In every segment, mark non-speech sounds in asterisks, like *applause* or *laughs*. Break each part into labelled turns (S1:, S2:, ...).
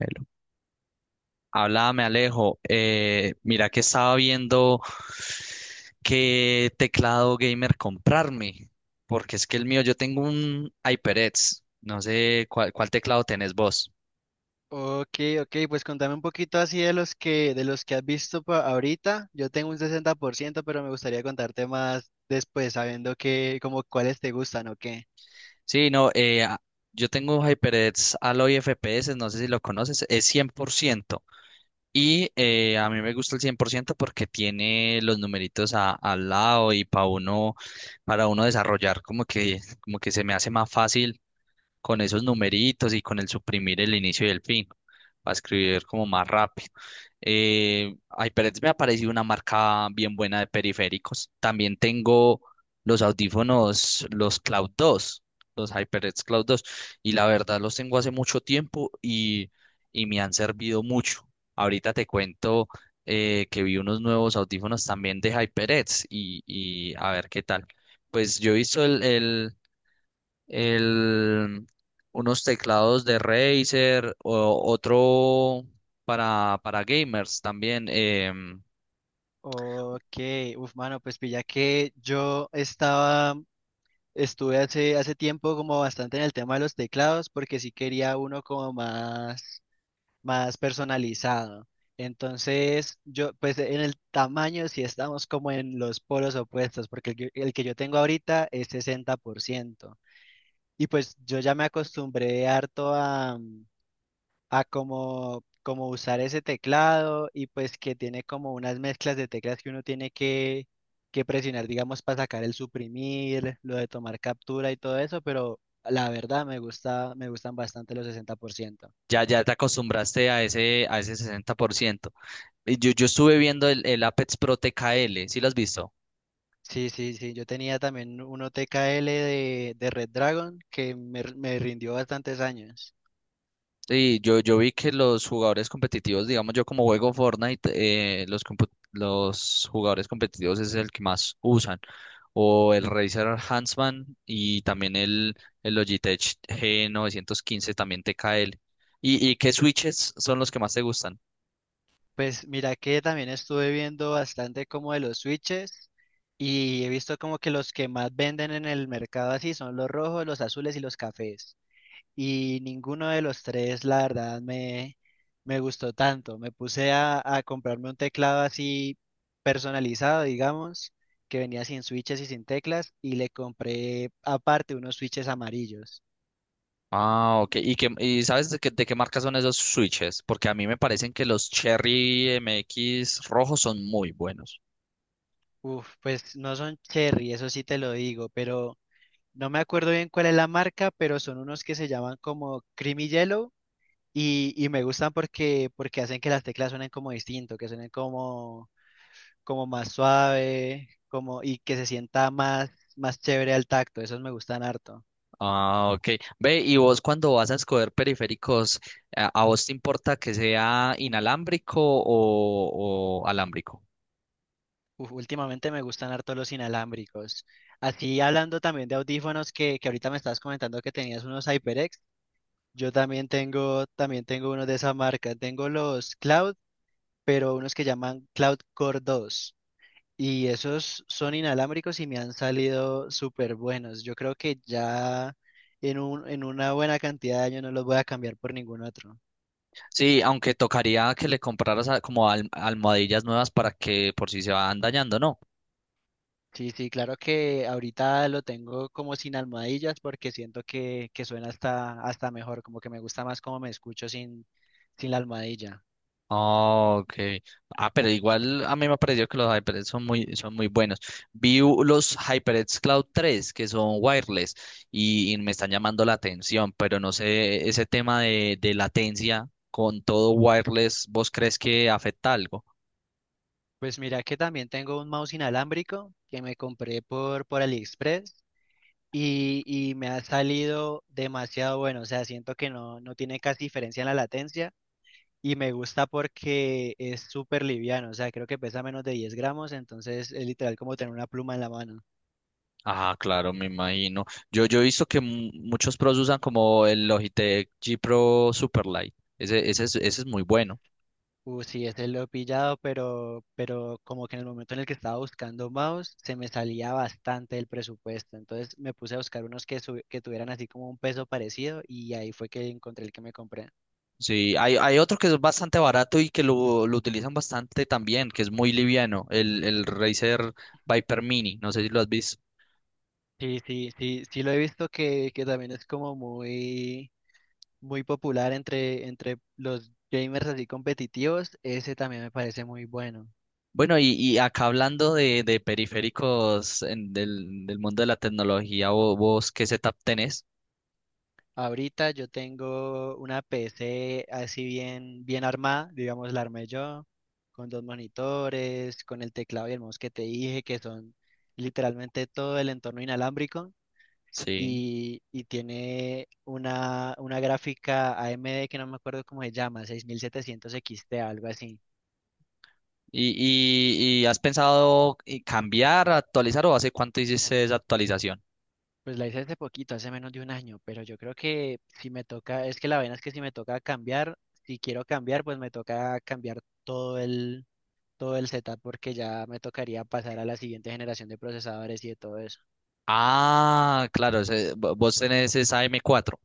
S1: Hello. Háblame, Alejo. Mira que estaba viendo qué teclado gamer comprarme, porque es que el mío, yo tengo un HyperX. No sé cuál teclado tenés vos.
S2: Ok, ok, pues contame un poquito así de los que has visto ahorita. Yo tengo un 60%, pero me gustaría contarte más después, sabiendo que, como cuáles te gustan o qué.
S1: Sí, no, yo tengo un HyperX Alloy FPS, no sé si lo conoces, es cien por ciento. Y a mí me gusta el 100% porque tiene los numeritos al lado y para uno desarrollar como que se me hace más fácil con esos numeritos y con el suprimir el inicio y el fin, para escribir como más rápido. HyperX me ha parecido una marca bien buena de periféricos. También tengo los audífonos, los Cloud 2, los HyperX Cloud 2, y la verdad los tengo hace mucho tiempo y me han servido mucho. Ahorita te cuento que vi unos nuevos audífonos también de HyperX y a ver qué tal. Pues yo he visto el, unos teclados de Razer, otro para gamers también.
S2: Ok, uf, mano, pues pilla que estuve hace tiempo como bastante en el tema de los teclados, porque sí quería uno como más personalizado. Entonces, yo, pues en el tamaño sí estamos como en los polos opuestos, porque el que yo tengo ahorita es 60%. Y pues yo ya me acostumbré harto a a como usar ese teclado y pues que tiene como unas mezclas de teclas que uno tiene que presionar, digamos, para sacar el suprimir, lo de tomar captura y todo eso, pero la verdad me gusta, me gustan bastante los 60%.
S1: Ya te acostumbraste a ese 60%. Y yo estuve viendo el Apex Pro TKL. ¿Sí lo has visto?
S2: Sí, sí, sí. Yo tenía también uno TKL de Red Dragon que me rindió bastantes años.
S1: Sí, yo vi que los jugadores competitivos, digamos yo como juego Fortnite, los jugadores competitivos es el que más usan. O el Razer Huntsman y también el Logitech G915, también TKL. ¿Y qué switches son los que más te gustan?
S2: Pues mira que también estuve viendo bastante como de los switches y he visto como que los que más venden en el mercado así son los rojos, los azules y los cafés. Y ninguno de los tres, me gustó tanto. Me puse a comprarme un teclado así personalizado, digamos, que venía sin switches y sin teclas, y le compré aparte unos switches amarillos.
S1: Ah, ok. ¿Y sabes de qué marca son esos switches? Porque a mí me parecen que los Cherry MX rojos son muy buenos.
S2: Uf, pues no son Cherry, eso sí te lo digo, pero no me acuerdo bien cuál es la marca, pero son unos que se llaman como Creamy Yellow. Y me gustan porque hacen que las teclas suenen como distinto, que suenen como más suave, y que se sienta más chévere al tacto, esos me gustan harto.
S1: Ah, ok. Ve, y vos cuando vas a escoger periféricos, ¿a vos te importa que sea inalámbrico o alámbrico?
S2: Uf, últimamente me gustan harto los inalámbricos. Así hablando también de audífonos que ahorita me estabas comentando que tenías unos HyperX, yo también tengo unos de esa marca, tengo los Cloud, pero unos que llaman Cloud Core 2. Y esos son inalámbricos y me han salido súper buenos. Yo creo que ya en en una buena cantidad de años no los voy a cambiar por ningún otro.
S1: Sí, aunque tocaría que le compraras como almohadillas nuevas para que por si se van dañando, ¿no?
S2: Sí, sí, claro que ahorita lo tengo como sin almohadillas porque siento que suena hasta mejor, como que me gusta más como me escucho sin la almohadilla.
S1: Oh, okay. Ah, pero igual a mí me ha parecido que los HyperX son muy buenos. Vi los HyperX Cloud 3 que son wireless y me están llamando la atención, pero no sé, ese tema de latencia con todo wireless. ¿Vos crees que afecta algo?
S2: Pues mira que también tengo un mouse inalámbrico que me compré por AliExpress y me ha salido demasiado bueno, o sea, siento que no tiene casi diferencia en la latencia y me gusta porque es súper liviano, o sea, creo que pesa menos de 10 gramos, entonces es literal como tener una pluma en la mano.
S1: Ah, claro, me imagino. Yo he visto que muchos pros usan como el Logitech G Pro Superlight. Ese es muy bueno.
S2: Sí, ese lo he pillado, pero como que en el momento en el que estaba buscando mouse, se me salía bastante el presupuesto. Entonces me puse a buscar unos que tuvieran así como un peso parecido y ahí fue que encontré el que me compré.
S1: Sí, hay otro que es bastante barato y que lo utilizan bastante también, que es muy liviano, el Razer Viper Mini. No sé si lo has visto.
S2: Sí, sí, sí, sí lo he visto que también es como muy popular entre los gamers así competitivos. Ese también me parece muy bueno.
S1: Bueno, y acá hablando de periféricos del mundo de la tecnología, vos, ¿qué setup tenés?
S2: Ahorita yo tengo una PC así bien armada, digamos, la armé yo, con dos monitores, con el teclado y el mouse que te dije, que son literalmente todo el entorno inalámbrico,
S1: Sí.
S2: y tiene una gráfica AMD que no me acuerdo cómo se llama, 6700 XT, algo así.
S1: ¿Y, y has pensado cambiar, actualizar o hace cuánto hiciste esa actualización?
S2: Pues la hice hace poquito, hace menos de un año, pero yo creo que si me toca, es que la vaina es que si me toca cambiar, si quiero cambiar, pues me toca cambiar todo el setup porque ya me tocaría pasar a la siguiente generación de procesadores y de todo eso.
S1: Ah, claro, vos tenés esa m cuatro.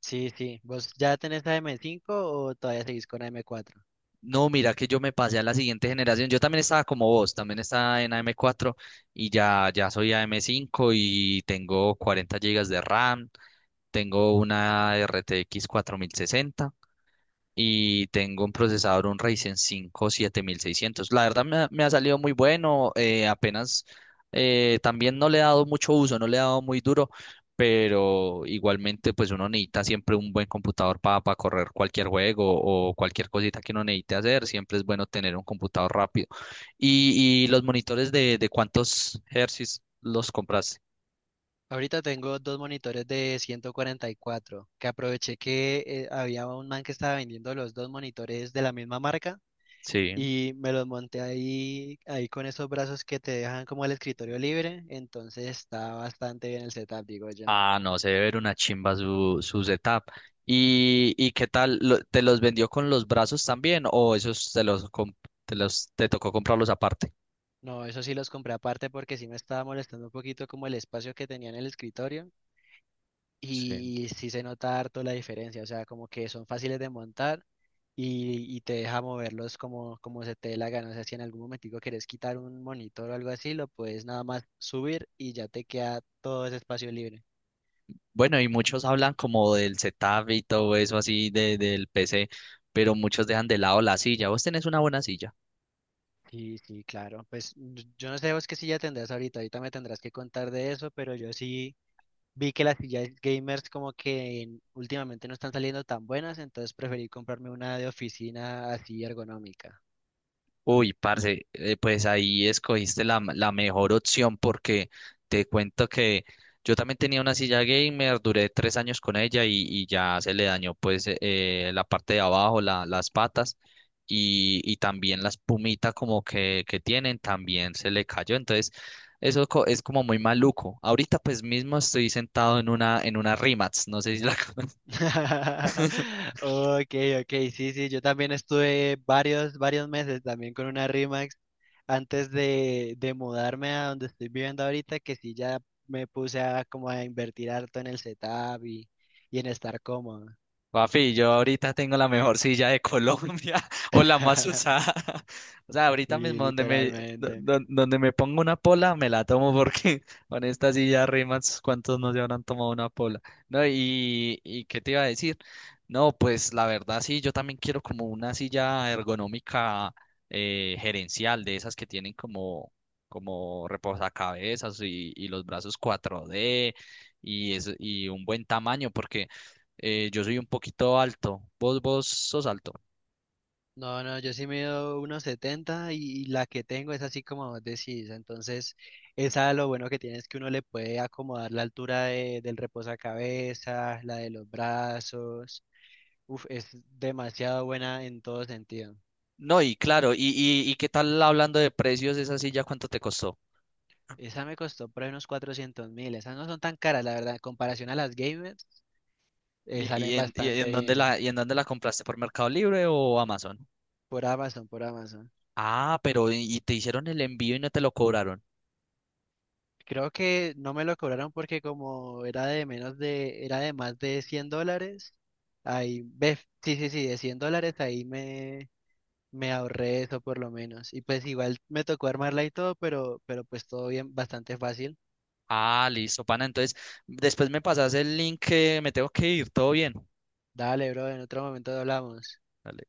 S2: Sí, sí. ¿Vos ya tenés la m cinco o todavía seguís con la m cuatro?
S1: No, mira que yo me pasé a la siguiente generación. Yo también estaba como vos, también estaba en AM4 y ya soy AM5 y tengo 40 gigas de RAM, tengo una RTX 60. Y tengo un procesador, un Ryzen 5 7600. La verdad me ha salido muy bueno, apenas también no le he dado mucho uso, no le he dado muy duro, pero igualmente pues uno necesita siempre un buen computador para correr cualquier juego o cualquier cosita que uno necesite hacer, siempre es bueno tener un computador rápido. ¿Y los monitores de cuántos hercios los compraste?
S2: Ahorita tengo dos monitores de 144 que aproveché que había un man que estaba vendiendo los dos monitores de la misma marca
S1: Sí.
S2: y me los monté ahí con esos brazos que te dejan como el escritorio libre, entonces está bastante bien el setup, digo yo.
S1: Ah, no, se debe ver una chimba su setup. ¿Y qué tal? ¿Te los vendió con los brazos también o esos te los, comp- te los te tocó comprarlos aparte?
S2: No, eso sí los compré aparte porque sí me estaba molestando un poquito como el espacio que tenía en el escritorio
S1: Sí.
S2: y sí se nota harto la diferencia, o sea, como que son fáciles de montar y te deja moverlos como se te dé la gana, o sea, si en algún momentico quieres quitar un monitor o algo así, lo puedes nada más subir y ya te queda todo ese espacio libre.
S1: Bueno, y muchos hablan como del setup y todo eso así del PC, pero muchos dejan de lado la silla. ¿Vos tenés una buena silla?
S2: Sí, sí, claro, pues yo no sé vos qué silla tendrás ahorita, ahorita me tendrás que contar de eso, pero yo sí vi que las sillas gamers como que últimamente no están saliendo tan buenas, entonces preferí comprarme una de oficina así ergonómica.
S1: Uy, parce, pues ahí escogiste la mejor opción porque te cuento que yo también tenía una silla gamer, duré 3 años con ella y ya se le dañó pues la parte de abajo, las patas y también la espumita como que tienen, también se le cayó. Entonces, eso es como muy maluco. Ahorita pues mismo estoy sentado en una Rimax, no sé si la. *laughs*
S2: *laughs* Ok, ok, sí, sí, yo también estuve varios meses también con una Rimax antes de mudarme a donde estoy viviendo ahorita, que sí ya me puse a como a invertir harto en el setup y en estar cómodo.
S1: Papi, yo ahorita tengo la mejor silla de Colombia *laughs* o la más
S2: *laughs*
S1: usada. *laughs* O sea, ahorita
S2: Sí,
S1: mismo
S2: literalmente.
S1: donde me pongo una pola, me la tomo porque *laughs* con esta silla rimas, ¿cuántos no se habrán tomado una pola? No, y ¿qué te iba a decir? No, pues la verdad sí, yo también quiero como una silla ergonómica gerencial, de esas que tienen como reposacabezas y los brazos 4D y un buen tamaño, porque yo soy un poquito alto. Vos sos alto.
S2: No, no, yo sí mido uno setenta y la que tengo es así como vos decís. Entonces, esa lo bueno que tiene es que uno le puede acomodar la altura del reposacabezas, la de los brazos. Uf, es demasiado buena en todo sentido.
S1: No, y claro, y qué tal hablando de precios, esa silla, ¿cuánto te costó?
S2: Esa me costó por ahí unos 400.000. Esas no son tan caras, la verdad. En comparación a las gamers,
S1: ¿Y, y
S2: salen
S1: en, y
S2: bastante
S1: en dónde
S2: bien.
S1: la, y en dónde la compraste? ¿Por Mercado Libre o Amazon?
S2: Por Amazon, por Amazon.
S1: Ah, pero y te hicieron el envío y no te lo cobraron.
S2: Creo que no me lo cobraron porque como era de más de $100, ahí, ve, sí, sí, sí, de $100 ahí me ahorré eso por lo menos. Y pues igual me tocó armarla y todo, pero pues todo bien, bastante fácil.
S1: Ah, listo, pana. Entonces, después me pasas el link que me tengo que ir. Todo bien.
S2: Dale, bro, en otro momento hablamos.
S1: Dale.